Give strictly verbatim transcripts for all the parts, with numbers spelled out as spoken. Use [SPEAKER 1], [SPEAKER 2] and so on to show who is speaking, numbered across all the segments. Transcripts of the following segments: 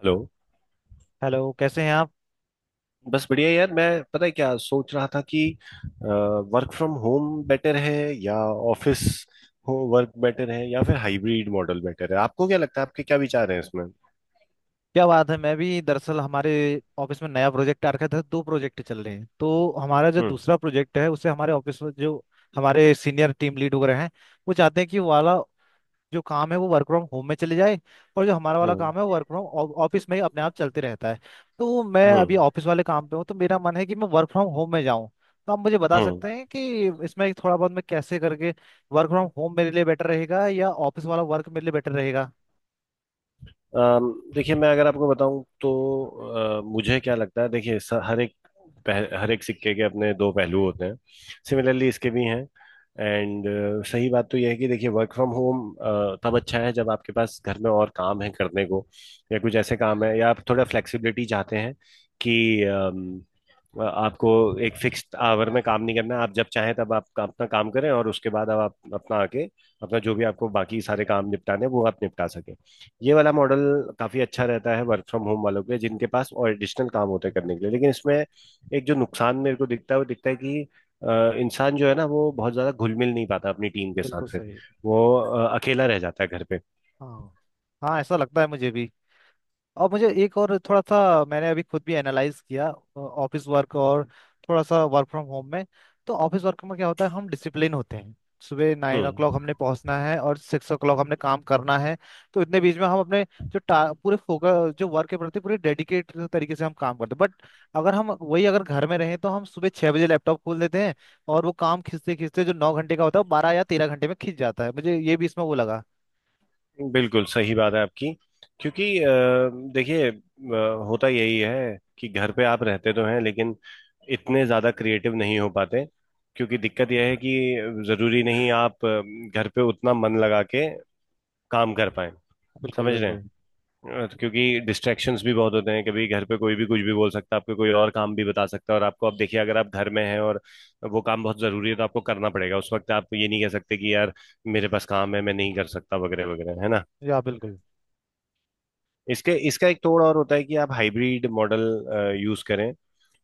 [SPEAKER 1] Hello.
[SPEAKER 2] Hello, कैसे हैं आप।
[SPEAKER 1] बस बढ़िया यार मैं पता है क्या सोच रहा था कि वर्क फ्रॉम होम बेटर है या ऑफिस हो वर्क बेटर है या फिर हाइब्रिड मॉडल बेटर है आपको क्या लगता है आपके क्या विचार हैं इसमें।
[SPEAKER 2] क्या बात है, मैं भी दरअसल हमारे ऑफिस में नया प्रोजेक्ट आ रखा था। दो प्रोजेक्ट चल रहे हैं तो हमारा जो
[SPEAKER 1] हम्म।
[SPEAKER 2] दूसरा प्रोजेक्ट है उसे हमारे ऑफिस में जो हमारे सीनियर टीम लीड वगैरह हैं वो चाहते हैं कि वो वाला जो काम है वो वर्क फ्रॉम होम में चले जाए, और जो हमारा वाला
[SPEAKER 1] हम्म।
[SPEAKER 2] काम है वो वर्क फ्रॉम ऑफिस में ही अपने आप चलते रहता है। तो मैं अभी
[SPEAKER 1] हम्म।
[SPEAKER 2] ऑफिस वाले काम पे हूँ तो मेरा मन है कि मैं वर्क फ्रॉम होम में जाऊँ। तो आप मुझे बता
[SPEAKER 1] हम्म।
[SPEAKER 2] सकते हैं कि इसमें थोड़ा बहुत मैं कैसे करके वर्क फ्रॉम होम मेरे लिए बेटर रहेगा या ऑफिस वाला वर्क मेरे लिए बेटर रहेगा।
[SPEAKER 1] अम, देखिए मैं अगर आपको बताऊं तो अ, मुझे क्या लगता है। देखिए स- हर एक पह- हर एक सिक्के के अपने दो पहलू होते हैं। सिमिलरली इसके भी हैं। एंड सही बात तो यह है कि देखिए वर्क फ्रॉम होम तब अच्छा है जब आपके पास घर में और काम है करने को या कुछ ऐसे काम है या आप थोड़ा फ्लेक्सिबिलिटी चाहते हैं कि अम, अ, आपको एक फिक्स्ड आवर में काम नहीं करना है, आप जब चाहें तब आप का- अपना काम करें और उसके बाद अब आप अपना आके अपना जो भी आपको बाकी सारे काम निपटाने हैं, वो आप निपटा सकें। ये वाला मॉडल काफी अच्छा रहता है वर्क फ्रॉम होम वालों के लिए जिनके पास और एडिशनल काम होते हैं
[SPEAKER 2] बिल्कुल।
[SPEAKER 1] करने के लिए, लेकिन इसमें एक जो नुकसान मेरे को दिखता है वो दिखता है कि अ, इंसान जो है ना वो बहुत ज्यादा घुल मिल नहीं पाता अपनी टीम के साथ।
[SPEAKER 2] बिल्कुल
[SPEAKER 1] फिर
[SPEAKER 2] सही।
[SPEAKER 1] वो अ, अकेला रह जाता है घर पे।
[SPEAKER 2] हाँ। हाँ, ऐसा लगता है मुझे भी। और मुझे एक और थोड़ा सा मैंने अभी खुद भी एनालाइज किया, ऑफिस वर्क और थोड़ा सा वर्क फ्रॉम होम में। तो ऑफिस वर्क में क्या होता है, हम डिसिप्लिन होते हैं। सुबह नाइन ओ क्लॉक
[SPEAKER 1] हम्म।
[SPEAKER 2] हमने पहुंचना है और सिक्स ओ क्लॉक हमने काम करना है। तो इतने बीच में हम अपने जो टा, पूरे फोकस, जो वर्क के प्रति पूरे डेडिकेट तरीके से हम काम करते हैं। बट अगर हम वही अगर घर में रहें तो हम सुबह छह बजे लैपटॉप खोल देते हैं। और वो काम खींचते खींचते जो नौ घंटे का होता है वो बारह या तेरह घंटे में खींच जाता है। मुझे ये भी इसमें वो लगा।
[SPEAKER 1] बिल्कुल सही बात है आपकी। क्योंकि अ, देखिए अ, होता यही है कि घर पे आप रहते तो हैं लेकिन इतने ज्यादा क्रिएटिव नहीं हो पाते, क्योंकि दिक्कत यह है कि जरूरी नहीं आप अ, घर पे उतना मन लगा के काम कर पाए।
[SPEAKER 2] बिल्कुल
[SPEAKER 1] समझ रहे
[SPEAKER 2] बिल्कुल।
[SPEAKER 1] हैं। अ, तो क्योंकि डिस्ट्रैक्शंस भी बहुत होते हैं, कभी घर पे कोई भी कुछ भी बोल सकता है, आपको कोई और काम भी बता सकता है, और आपको अब देखिए अगर आप घर में हैं और वो काम बहुत जरूरी है तो आपको करना पड़ेगा। उस वक्त आप ये नहीं कह सकते कि यार मेरे पास काम है मैं नहीं कर सकता वगैरह वगैरह, है ना।
[SPEAKER 2] या बिल्कुल।
[SPEAKER 1] इसके इसका एक तोड़ और होता है कि आप हाइब्रिड मॉडल यूज करें।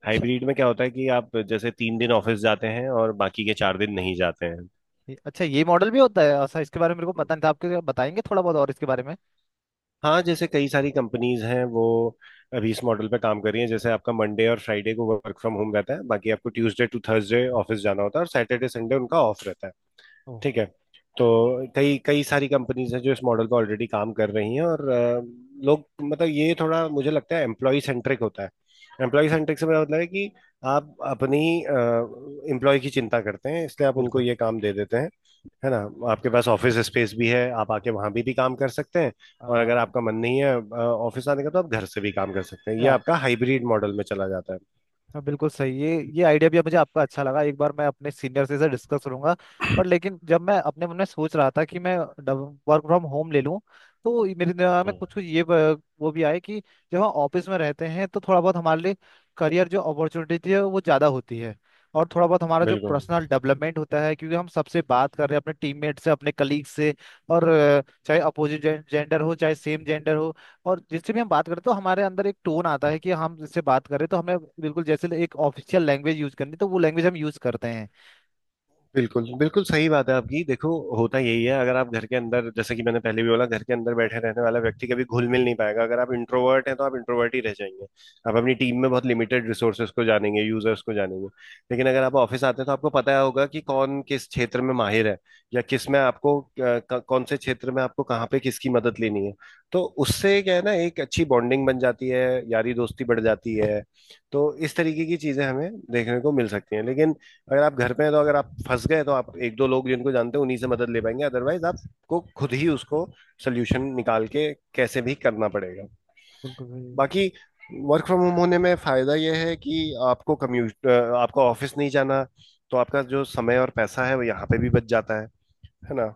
[SPEAKER 2] अच्छा।
[SPEAKER 1] हाइब्रिड में क्या होता है कि आप जैसे तीन दिन ऑफिस जाते हैं और बाकी के चार दिन नहीं जाते हैं।
[SPEAKER 2] ये- अच्छा, ये मॉडल भी होता है ऐसा? इसके बारे में मेरे को पता नहीं था। आपके बताएंगे थोड़ा बहुत और इसके बारे में।
[SPEAKER 1] हाँ, जैसे कई सारी कंपनीज हैं वो अभी इस मॉडल पे काम कर रही हैं। जैसे आपका मंडे और फ्राइडे को वर्क फ्रॉम होम रहता है, बाकी आपको ट्यूसडे टू थर्सडे ऑफिस जाना होता है, और सैटरडे संडे उनका ऑफ रहता है।
[SPEAKER 2] ओ।
[SPEAKER 1] ठीक है। तो कई कई सारी कंपनीज हैं जो इस मॉडल पे ऑलरेडी काम कर रही हैं और अ, लोग मतलब ये थोड़ा मुझे लगता है एम्प्लॉय सेंट्रिक होता है। एम्प्लॉय सेंट्रिक से मेरा मतलब है कि आप अपनी एम्प्लॉय की चिंता करते हैं, इसलिए आप उनको
[SPEAKER 2] बिल्कुल।
[SPEAKER 1] ये काम दे देते हैं। है ना। आपके पास ऑफिस स्पेस भी है, आप आके वहां भी भी काम कर सकते हैं, और
[SPEAKER 2] आ,
[SPEAKER 1] अगर आपका मन नहीं है ऑफिस आने का तो आप घर से भी काम कर सकते हैं। ये
[SPEAKER 2] या
[SPEAKER 1] आपका हाइब्रिड मॉडल में चला जाता है।
[SPEAKER 2] हाँ, बिल्कुल सही। ये ये आइडिया भी मुझे आपका अच्छा लगा। एक बार मैं अपने सीनियर से इसे डिस्कस करूंगा। पर लेकिन जब मैं अपने मन में सोच रहा था कि मैं वर्क फ्रॉम होम ले लूं, तो मेरे दिमाग में
[SPEAKER 1] हम्म,
[SPEAKER 2] कुछ कुछ ये ब- वो भी आए कि जब हम ऑफिस में रहते हैं तो थोड़ा बहुत हमारे लिए करियर जो अपॉर्चुनिटी है वो ज़्यादा होती है। और थोड़ा बहुत हमारा जो
[SPEAKER 1] बिल्कुल।
[SPEAKER 2] पर्सनल डेवलपमेंट होता है, क्योंकि हम सबसे बात कर रहे हैं अपने टीममेट से, अपने कलीग से। और अ, चाहे अपोजिट जेंडर हो चाहे सेम जेंडर हो, और जिससे भी हम बात करते हैं तो हमारे अंदर एक टोन आता है कि हम जिससे बात कर रहे हैं तो हमें बिल्कुल जैसे एक ऑफिशियल लैंग्वेज यूज करनी है, तो वो लैंग्वेज हम यूज करते हैं।
[SPEAKER 1] बिल्कुल बिल्कुल सही बात है आपकी। देखो होता यही है, अगर आप घर के अंदर, जैसे कि मैंने पहले भी बोला, घर के अंदर बैठे रहने वाला व्यक्ति कभी घुल मिल नहीं पाएगा। अगर आप इंट्रोवर्ट हैं तो आप इंट्रोवर्ट ही रह जाएंगे। आप अपनी टीम में बहुत लिमिटेड रिसोर्सेज को जानेंगे, यूजर्स को जानेंगे। लेकिन अगर आप ऑफिस आते हैं तो आपको पता होगा कि कौन किस क्षेत्र में माहिर है या किस में आपको अ, क- कौन से क्षेत्र में आपको कहाँ पे किसकी मदद लेनी है। तो उससे क्या है ना, एक अच्छी बॉन्डिंग बन जाती है, यारी दोस्ती बढ़ जाती है। तो इस तरीके की चीजें हमें देखने को मिल सकती हैं। लेकिन अगर आप घर पे हैं तो अगर आप फंस गए तो आप एक दो लोग जिनको जानते हैं उन्हीं से मदद ले पाएंगे, अदरवाइज आपको खुद ही उसको सोल्यूशन निकाल के कैसे भी करना पड़ेगा।
[SPEAKER 2] बिल्कुल भाई।
[SPEAKER 1] बाकी वर्क फ्रॉम होम होने में फायदा यह है कि आपको कम्यूट, आपको ऑफिस नहीं जाना, तो आपका जो समय और पैसा है वो यहाँ पे भी बच जाता है है ना।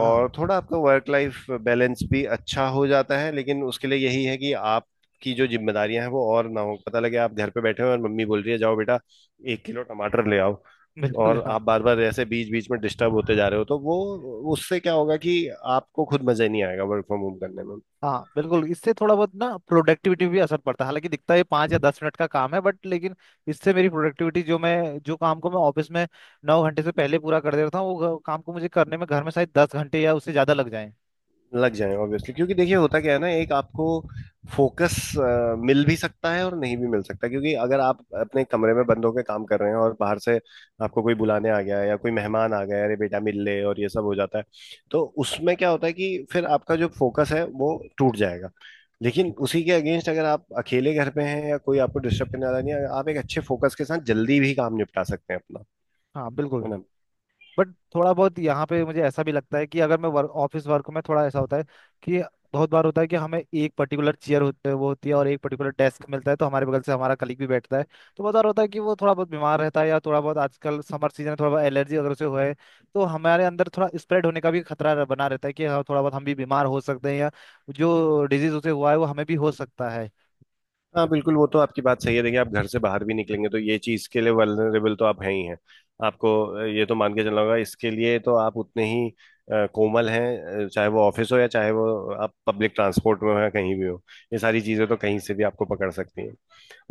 [SPEAKER 1] और थोड़ा आपका वर्क लाइफ बैलेंस भी अच्छा हो जाता है, लेकिन उसके लिए यही है कि आपकी जो जिम्मेदारियां हैं वो और ना हो। पता लगे आप घर पे बैठे हो और मम्मी बोल रही है जाओ बेटा एक किलो टमाटर ले आओ,
[SPEAKER 2] बिल्कुल।
[SPEAKER 1] और
[SPEAKER 2] हाँ।
[SPEAKER 1] आप बार बार ऐसे बीच बीच में डिस्टर्ब होते जा रहे हो, तो वो उससे क्या होगा कि आपको खुद मजा नहीं आएगा वर्क फ्रॉम होम करने में।
[SPEAKER 2] हाँ बिल्कुल, इससे थोड़ा बहुत ना प्रोडक्टिविटी भी असर पड़ता है। हालांकि दिखता है पाँच या दस मिनट का काम है, बट लेकिन इससे मेरी प्रोडक्टिविटी, जो मैं जो काम को मैं ऑफिस में नौ घंटे से पहले पूरा कर देता हूँ, वो काम को मुझे करने में घर में शायद दस घंटे या उससे ज़्यादा लग जाए।
[SPEAKER 1] लग जाए ऑब्वियसली, क्योंकि देखिए होता क्या है ना, एक आपको फोकस मिल भी सकता है और नहीं भी मिल सकता, क्योंकि अगर आप अपने कमरे में बंद होकर काम कर रहे हैं और बाहर से आपको कोई बुलाने आ गया है या कोई मेहमान आ गया है, अरे बेटा मिल ले, और ये सब हो जाता है। तो उसमें क्या होता है कि फिर आपका जो फोकस है वो टूट जाएगा।
[SPEAKER 2] हाँ
[SPEAKER 1] लेकिन
[SPEAKER 2] बिल्कुल।
[SPEAKER 1] उसी के अगेंस्ट अगर आप अकेले घर पे हैं या कोई आपको डिस्टर्ब करने वाला नहीं है, आप एक अच्छे फोकस के साथ जल्दी भी काम निपटा सकते हैं अपना।
[SPEAKER 2] हाँ
[SPEAKER 1] है
[SPEAKER 2] बिल्कुल।
[SPEAKER 1] ना।
[SPEAKER 2] बट थोड़ा बहुत यहाँ पे मुझे ऐसा भी लगता है कि अगर मैं वर्क ऑफिस वर्क में, थोड़ा ऐसा होता है कि बहुत बार होता है कि हमें एक पर्टिकुलर चेयर होते वो होती है और एक पर्टिकुलर डेस्क मिलता है तो हमारे बगल से हमारा कलीग भी बैठता है। तो बहुत बार होता है कि वो थोड़ा बहुत बीमार रहता है, या थोड़ा बहुत आजकल समर सीजन है, थोड़ा बहुत एलर्जी अगर उसे हुआ है, तो हमारे अंदर थोड़ा स्प्रेड होने का भी खतरा रह- बना रहता है कि हाँ, थोड़ा बहुत हम भी बीमार हो सकते हैं या जो डिजीज उसे हुआ है वो हमें भी हो सकता है।
[SPEAKER 1] हाँ बिल्कुल वो तो आपकी बात सही है। देखिए आप घर से बाहर भी निकलेंगे तो ये चीज के लिए वल्नरेबल तो आप हैं ही हैं। आपको अ, ये तो मान के चलना होगा। इसके लिए तो आप उतने ही अ, कोमल हैं, अ, चाहे वो ऑफिस हो या चाहे वो आप पब्लिक ट्रांसपोर्ट में हो या कहीं भी हो, ये सारी चीजें तो कहीं से भी आपको पकड़ सकती हैं।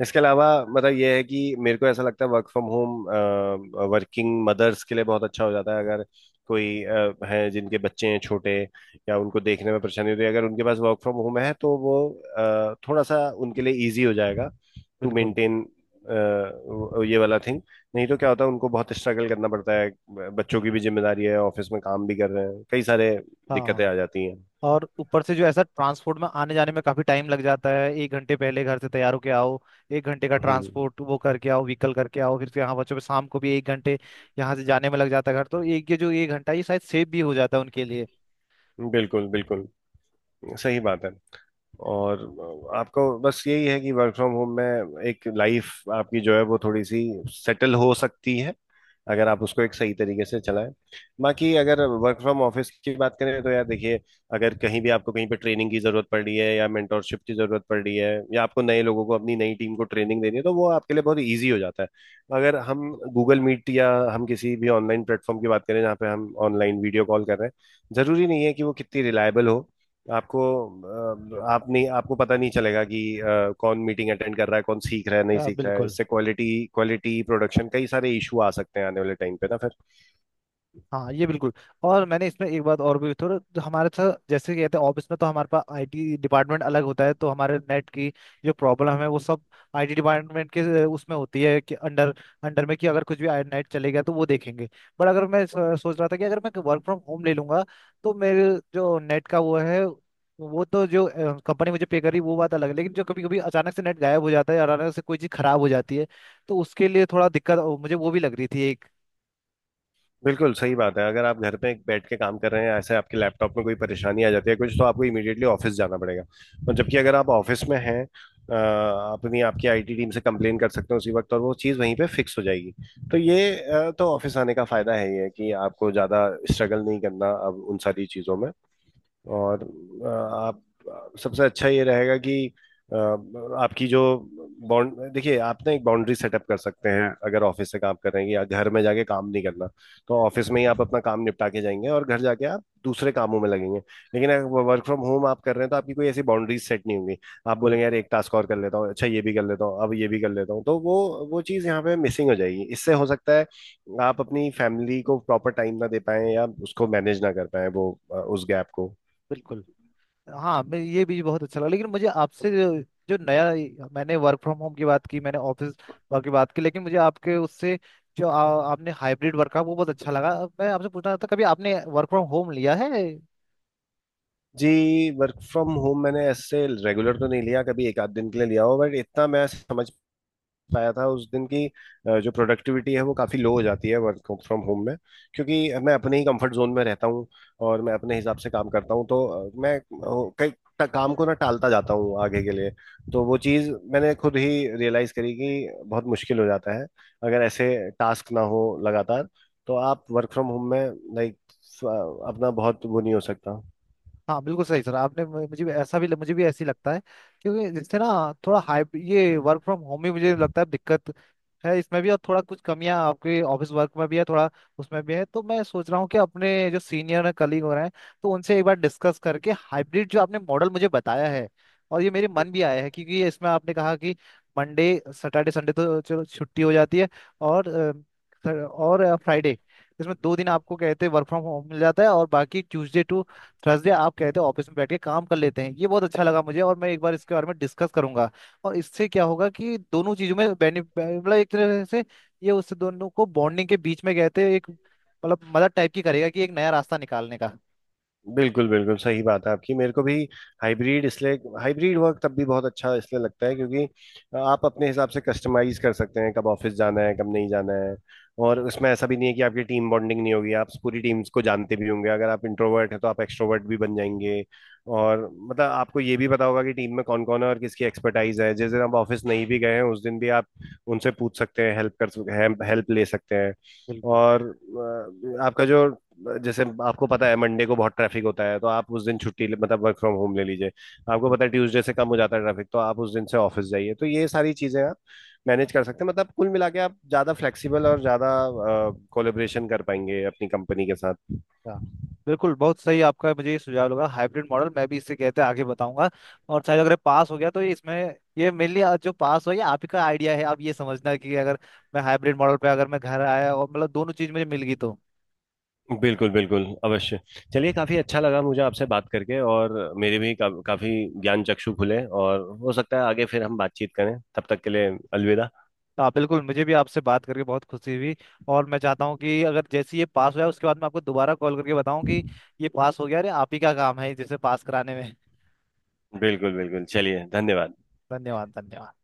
[SPEAKER 1] इसके अलावा मतलब ये है कि मेरे को ऐसा लगता है work from home working mothers के लिए बहुत अच्छा हो जाता है। अगर कोई अ, है जिनके बच्चे हैं छोटे या उनको देखने में परेशानी होती है, अगर उनके पास वर्क फ्रॉम होम है तो वो अ, थोड़ा सा उनके लिए इजी हो जाएगा टू
[SPEAKER 2] बिल्कुल।
[SPEAKER 1] मेंटेन ये वाला थिंग। नहीं तो क्या होता है उनको बहुत स्ट्रगल करना पड़ता है, ब- बच्चों की भी जिम्मेदारी है, ऑफिस में काम भी कर रहे हैं, कई सारे दिक्कतें
[SPEAKER 2] हाँ।
[SPEAKER 1] आ जाती हैं।
[SPEAKER 2] और ऊपर से जो ऐसा ट्रांसपोर्ट में आने जाने में काफी टाइम लग जाता है, एक घंटे पहले घर से तैयार होके आओ, एक घंटे का
[SPEAKER 1] हम्म।
[SPEAKER 2] ट्रांसपोर्ट वो करके आओ, व्हीकल करके आओ, फिर से यहाँ बच्चों पे। शाम को भी एक घंटे यहाँ से जाने में लग जाता है घर। तो एक, ये जो एक घंटा ये शायद सेव भी हो जाता है उनके लिए।
[SPEAKER 1] बिल्कुल बिल्कुल सही बात है। और आपको बस यही है कि वर्क फ्रॉम होम में एक लाइफ आपकी जो है वो थोड़ी सी सेटल हो सकती है अगर आप उसको एक सही तरीके से चलाएं। बाकी अगर वर्क फ्रॉम ऑफिस की बात करें तो यार देखिए, अगर कहीं भी आपको कहीं पे ट्रेनिंग की जरूरत पड़ रही है या मेंटोरशिप की जरूरत पड़ रही है या आपको नए लोगों को अपनी नई टीम को ट्रेनिंग देनी है तो वो आपके लिए बहुत ईजी हो जाता है। अगर हम गूगल मीट या हम किसी भी ऑनलाइन प्लेटफॉर्म की बात करें जहाँ पे हम ऑनलाइन वीडियो कॉल कर रहे हैं, जरूरी नहीं है कि वो कितनी रिलायबल हो। आपको अ, आप नहीं आपको पता नहीं चलेगा कि अ, कौन मीटिंग अटेंड कर रहा है, कौन सीख रहा है, नहीं
[SPEAKER 2] हाँ
[SPEAKER 1] सीख रहा है।
[SPEAKER 2] बिल्कुल।
[SPEAKER 1] इससे क्वालिटी क्वालिटी प्रोडक्शन कई सारे इशू आ सकते हैं आने वाले टाइम पे ना फिर।
[SPEAKER 2] हाँ ये बिल्कुल। और मैंने इसमें एक बात और भी थोड़ा, तो हमारे साथ जैसे कहते हैं ऑफिस में, तो हमारे पास आईटी डिपार्टमेंट अलग होता है। तो हमारे नेट की जो प्रॉब्लम है वो सब आईटी डिपार्टमेंट के अ, उसमें होती है कि अंडर अंडर में कि अगर कुछ भी नेट चलेगा तो वो देखेंगे। बट अगर मैं सो- सोच रहा था कि अगर मैं वर्क फ्रॉम होम ले लूंगा, तो मेरे जो नेट का वो है, वो तो जो कंपनी मुझे पे करी वो बात अलग है, लेकिन जो कभी कभी अचानक से नेट गायब हो जाता है और अचानक से कोई चीज़ खराब हो जाती है, तो उसके लिए थोड़ा दिक्कत अ, मुझे वो भी लग रही थी एक।
[SPEAKER 1] बिल्कुल सही बात है। अगर आप घर पे बैठ के काम कर रहे हैं ऐसे आपके लैपटॉप में कोई परेशानी आ जाती है कुछ, तो आपको इमीडिएटली ऑफिस जाना पड़ेगा। और जबकि अगर आप ऑफिस में हैं अ, अपनी आपकी आईटी टीम से कंप्लेन कर सकते हैं उसी वक्त, और वो चीज़ वहीं पे फिक्स हो जाएगी। तो ये अ, तो ऑफिस आने का फायदा है ही है कि आपको ज़्यादा स्ट्रगल नहीं करना अब उन सारी चीज़ों में। और अ, आप सबसे अच्छा ये रहेगा कि अ, आपकी जो बाउंड देखिए आप ना एक बाउंड्री सेटअप कर सकते हैं अगर ऑफिस से काम कर रहे हैं या घर में जाके काम नहीं करना। तो ऑफिस में ही आप अपना काम निपटा के जाएंगे और घर जाके आप दूसरे कामों में लगेंगे। लेकिन अगर वर्क फ्रॉम होम आप कर रहे हैं तो आपकी कोई ऐसी बाउंड्रीज सेट नहीं होंगी। आप
[SPEAKER 2] बिल्कुल
[SPEAKER 1] बोलेंगे यार एक टास्क और कर लेता हूँ, अच्छा ये भी कर लेता हूँ, अब ये भी कर लेता हूँ, तो वो वो चीज़ यहाँ पे मिसिंग हो जाएगी। इससे हो सकता है आप अपनी फैमिली को प्रॉपर टाइम ना दे पाए या उसको मैनेज ना कर पाए वो अ, उस गैप को।
[SPEAKER 2] बिल्कुल। हाँ, मैं ये भी बहुत अच्छा लगा। लेकिन मुझे आपसे जो, जो नया मैंने वर्क फ्रॉम होम की बात की, मैंने ऑफिस वर्क की बात की, लेकिन मुझे आपके उससे जो आ, आपने हाइब्रिड वर्क का वो बहुत अच्छा लगा। अब मैं आपसे पूछना चाहता, कभी आपने वर्क फ्रॉम होम लिया है?
[SPEAKER 1] जी। वर्क फ्रॉम होम मैंने ऐसे रेगुलर तो नहीं लिया कभी, एक आध दिन के लिए लिया हो, बट इतना मैं समझ पाया था उस दिन की अ, जो प्रोडक्टिविटी है वो काफ़ी लो हो जाती है वर्क फ्रॉम होम में, क्योंकि मैं अपने ही कंफर्ट जोन में रहता हूँ और मैं अपने हिसाब से काम करता हूँ। तो अ, मैं अ, कई ट- काम को ना टालता जाता हूँ आगे के लिए। तो वो चीज़ मैंने खुद ही रियलाइज करी कि बहुत मुश्किल हो जाता है। अगर ऐसे टास्क ना हो लगातार तो आप वर्क फ्रॉम होम में लाइक अपना बहुत वो नहीं हो सकता।
[SPEAKER 2] हाँ बिल्कुल सही सर, आपने मु- मुझे भी ऐसा, भी मुझे भी ऐसी लगता है, क्योंकि जिससे ना थोड़ा हाई, ये वर्क फ्रॉम होम भी मुझे लगता है दिक्कत है इसमें भी, और थोड़ा कुछ कमियां आपके ऑफिस वर्क में भी है, थोड़ा उसमें भी है। तो मैं सोच रहा हूँ कि अपने जो सीनियर कलीग हो रहे हैं तो उनसे एक बार डिस्कस करके हाइब्रिड जो आपने मॉडल मुझे बताया है, और ये मेरे मन भी आया है, क्योंकि ये इसमें आपने कहा कि मंडे, सैटरडे, संडे तो चलो छुट्टी हो जाती है, और अ, सर- और फ्राइडे, इसमें दो दिन आपको कहते हैं वर्क फ्रॉम होम मिल जाता है, और बाकी ट्यूसडे टू थर्सडे आप कहते हो ऑफिस में बैठ के काम कर लेते हैं, ये बहुत अच्छा लगा मुझे। और मैं एक बार इसके बारे में डिस्कस करूंगा, और इससे क्या होगा कि दोनों चीजों में बेनिफिट, मतलब एक तरह से ये उससे दोनों को बॉन्डिंग के बीच में कहते हैं, एक मतलब मदद टाइप की करेगा कि एक नया रास्ता निकालने का।
[SPEAKER 1] बिल्कुल बिल्कुल सही बात है आपकी। मेरे को भी हाइब्रिड इसलिए, हाइब्रिड वर्क तब भी बहुत अच्छा इसलिए लगता है क्योंकि आप अपने हिसाब से कस्टमाइज कर सकते हैं कब ऑफिस जाना है कब नहीं जाना है। और उसमें ऐसा भी नहीं है कि आपकी टीम बॉन्डिंग नहीं होगी, आप पूरी टीम्स को जानते भी होंगे। अगर आप इंट्रोवर्ट हैं तो आप एक्सट्रोवर्ट भी बन जाएंगे, और मतलब आपको ये भी पता होगा कि टीम में कौन कौन है और किसकी एक्सपर्टाइज है। जिस दिन आप ऑफिस नहीं भी गए हैं उस दिन भी आप उनसे पूछ सकते हैं, हेल्प कर हेल्प ले सकते हैं।
[SPEAKER 2] बिल्कुल
[SPEAKER 1] और अ, आपका जो, जैसे आपको पता है मंडे को बहुत ट्रैफिक होता है तो आप उस दिन छुट्टी ले- मतलब वर्क फ्रॉम होम ले लीजिए। आपको
[SPEAKER 2] बिल्कुल।
[SPEAKER 1] पता है ट्यूसडे से कम हो जाता है ट्रैफिक तो आप उस दिन से ऑफिस जाइए। तो ये सारी चीजें आप मैनेज कर सकते हैं। मतलब कुल मिला के आप ज्यादा फ्लेक्सिबल और ज्यादा कोलेबरेशन कर पाएंगे अपनी कंपनी के साथ।
[SPEAKER 2] अच्छा। बिल्कुल, बहुत सही आपका मुझे ये सुझाव लगा। हाइब्रिड मॉडल मैं भी इससे कहते आगे बताऊंगा, और शायद अगर ये पास हो गया तो ये इसमें, ये मेनली जो पास हो, ये आप ही का आइडिया है। आप ये समझना कि अगर मैं हाइब्रिड मॉडल पे, अगर मैं घर आया और मतलब दोनों चीज मुझे मिल गई तो।
[SPEAKER 1] बिल्कुल बिल्कुल अवश्य। चलिए, काफी अच्छा लगा मुझे आपसे बात करके, और मेरे भी का, काफी ज्ञान चक्षु खुले, और हो सकता है आगे फिर हम बातचीत करें। तब तक के लिए अलविदा।
[SPEAKER 2] हाँ बिल्कुल, मुझे भी आपसे बात करके बहुत खुशी हुई। और मैं चाहता हूँ कि अगर जैसे ही ये पास हो जाए, उसके बाद मैं आपको दोबारा कॉल करके बताऊँ कि ये पास हो गया, अरे आप ही का काम है जैसे पास कराने में।
[SPEAKER 1] बिल्कुल बिल्कुल। चलिए, धन्यवाद।
[SPEAKER 2] धन्यवाद धन्यवाद।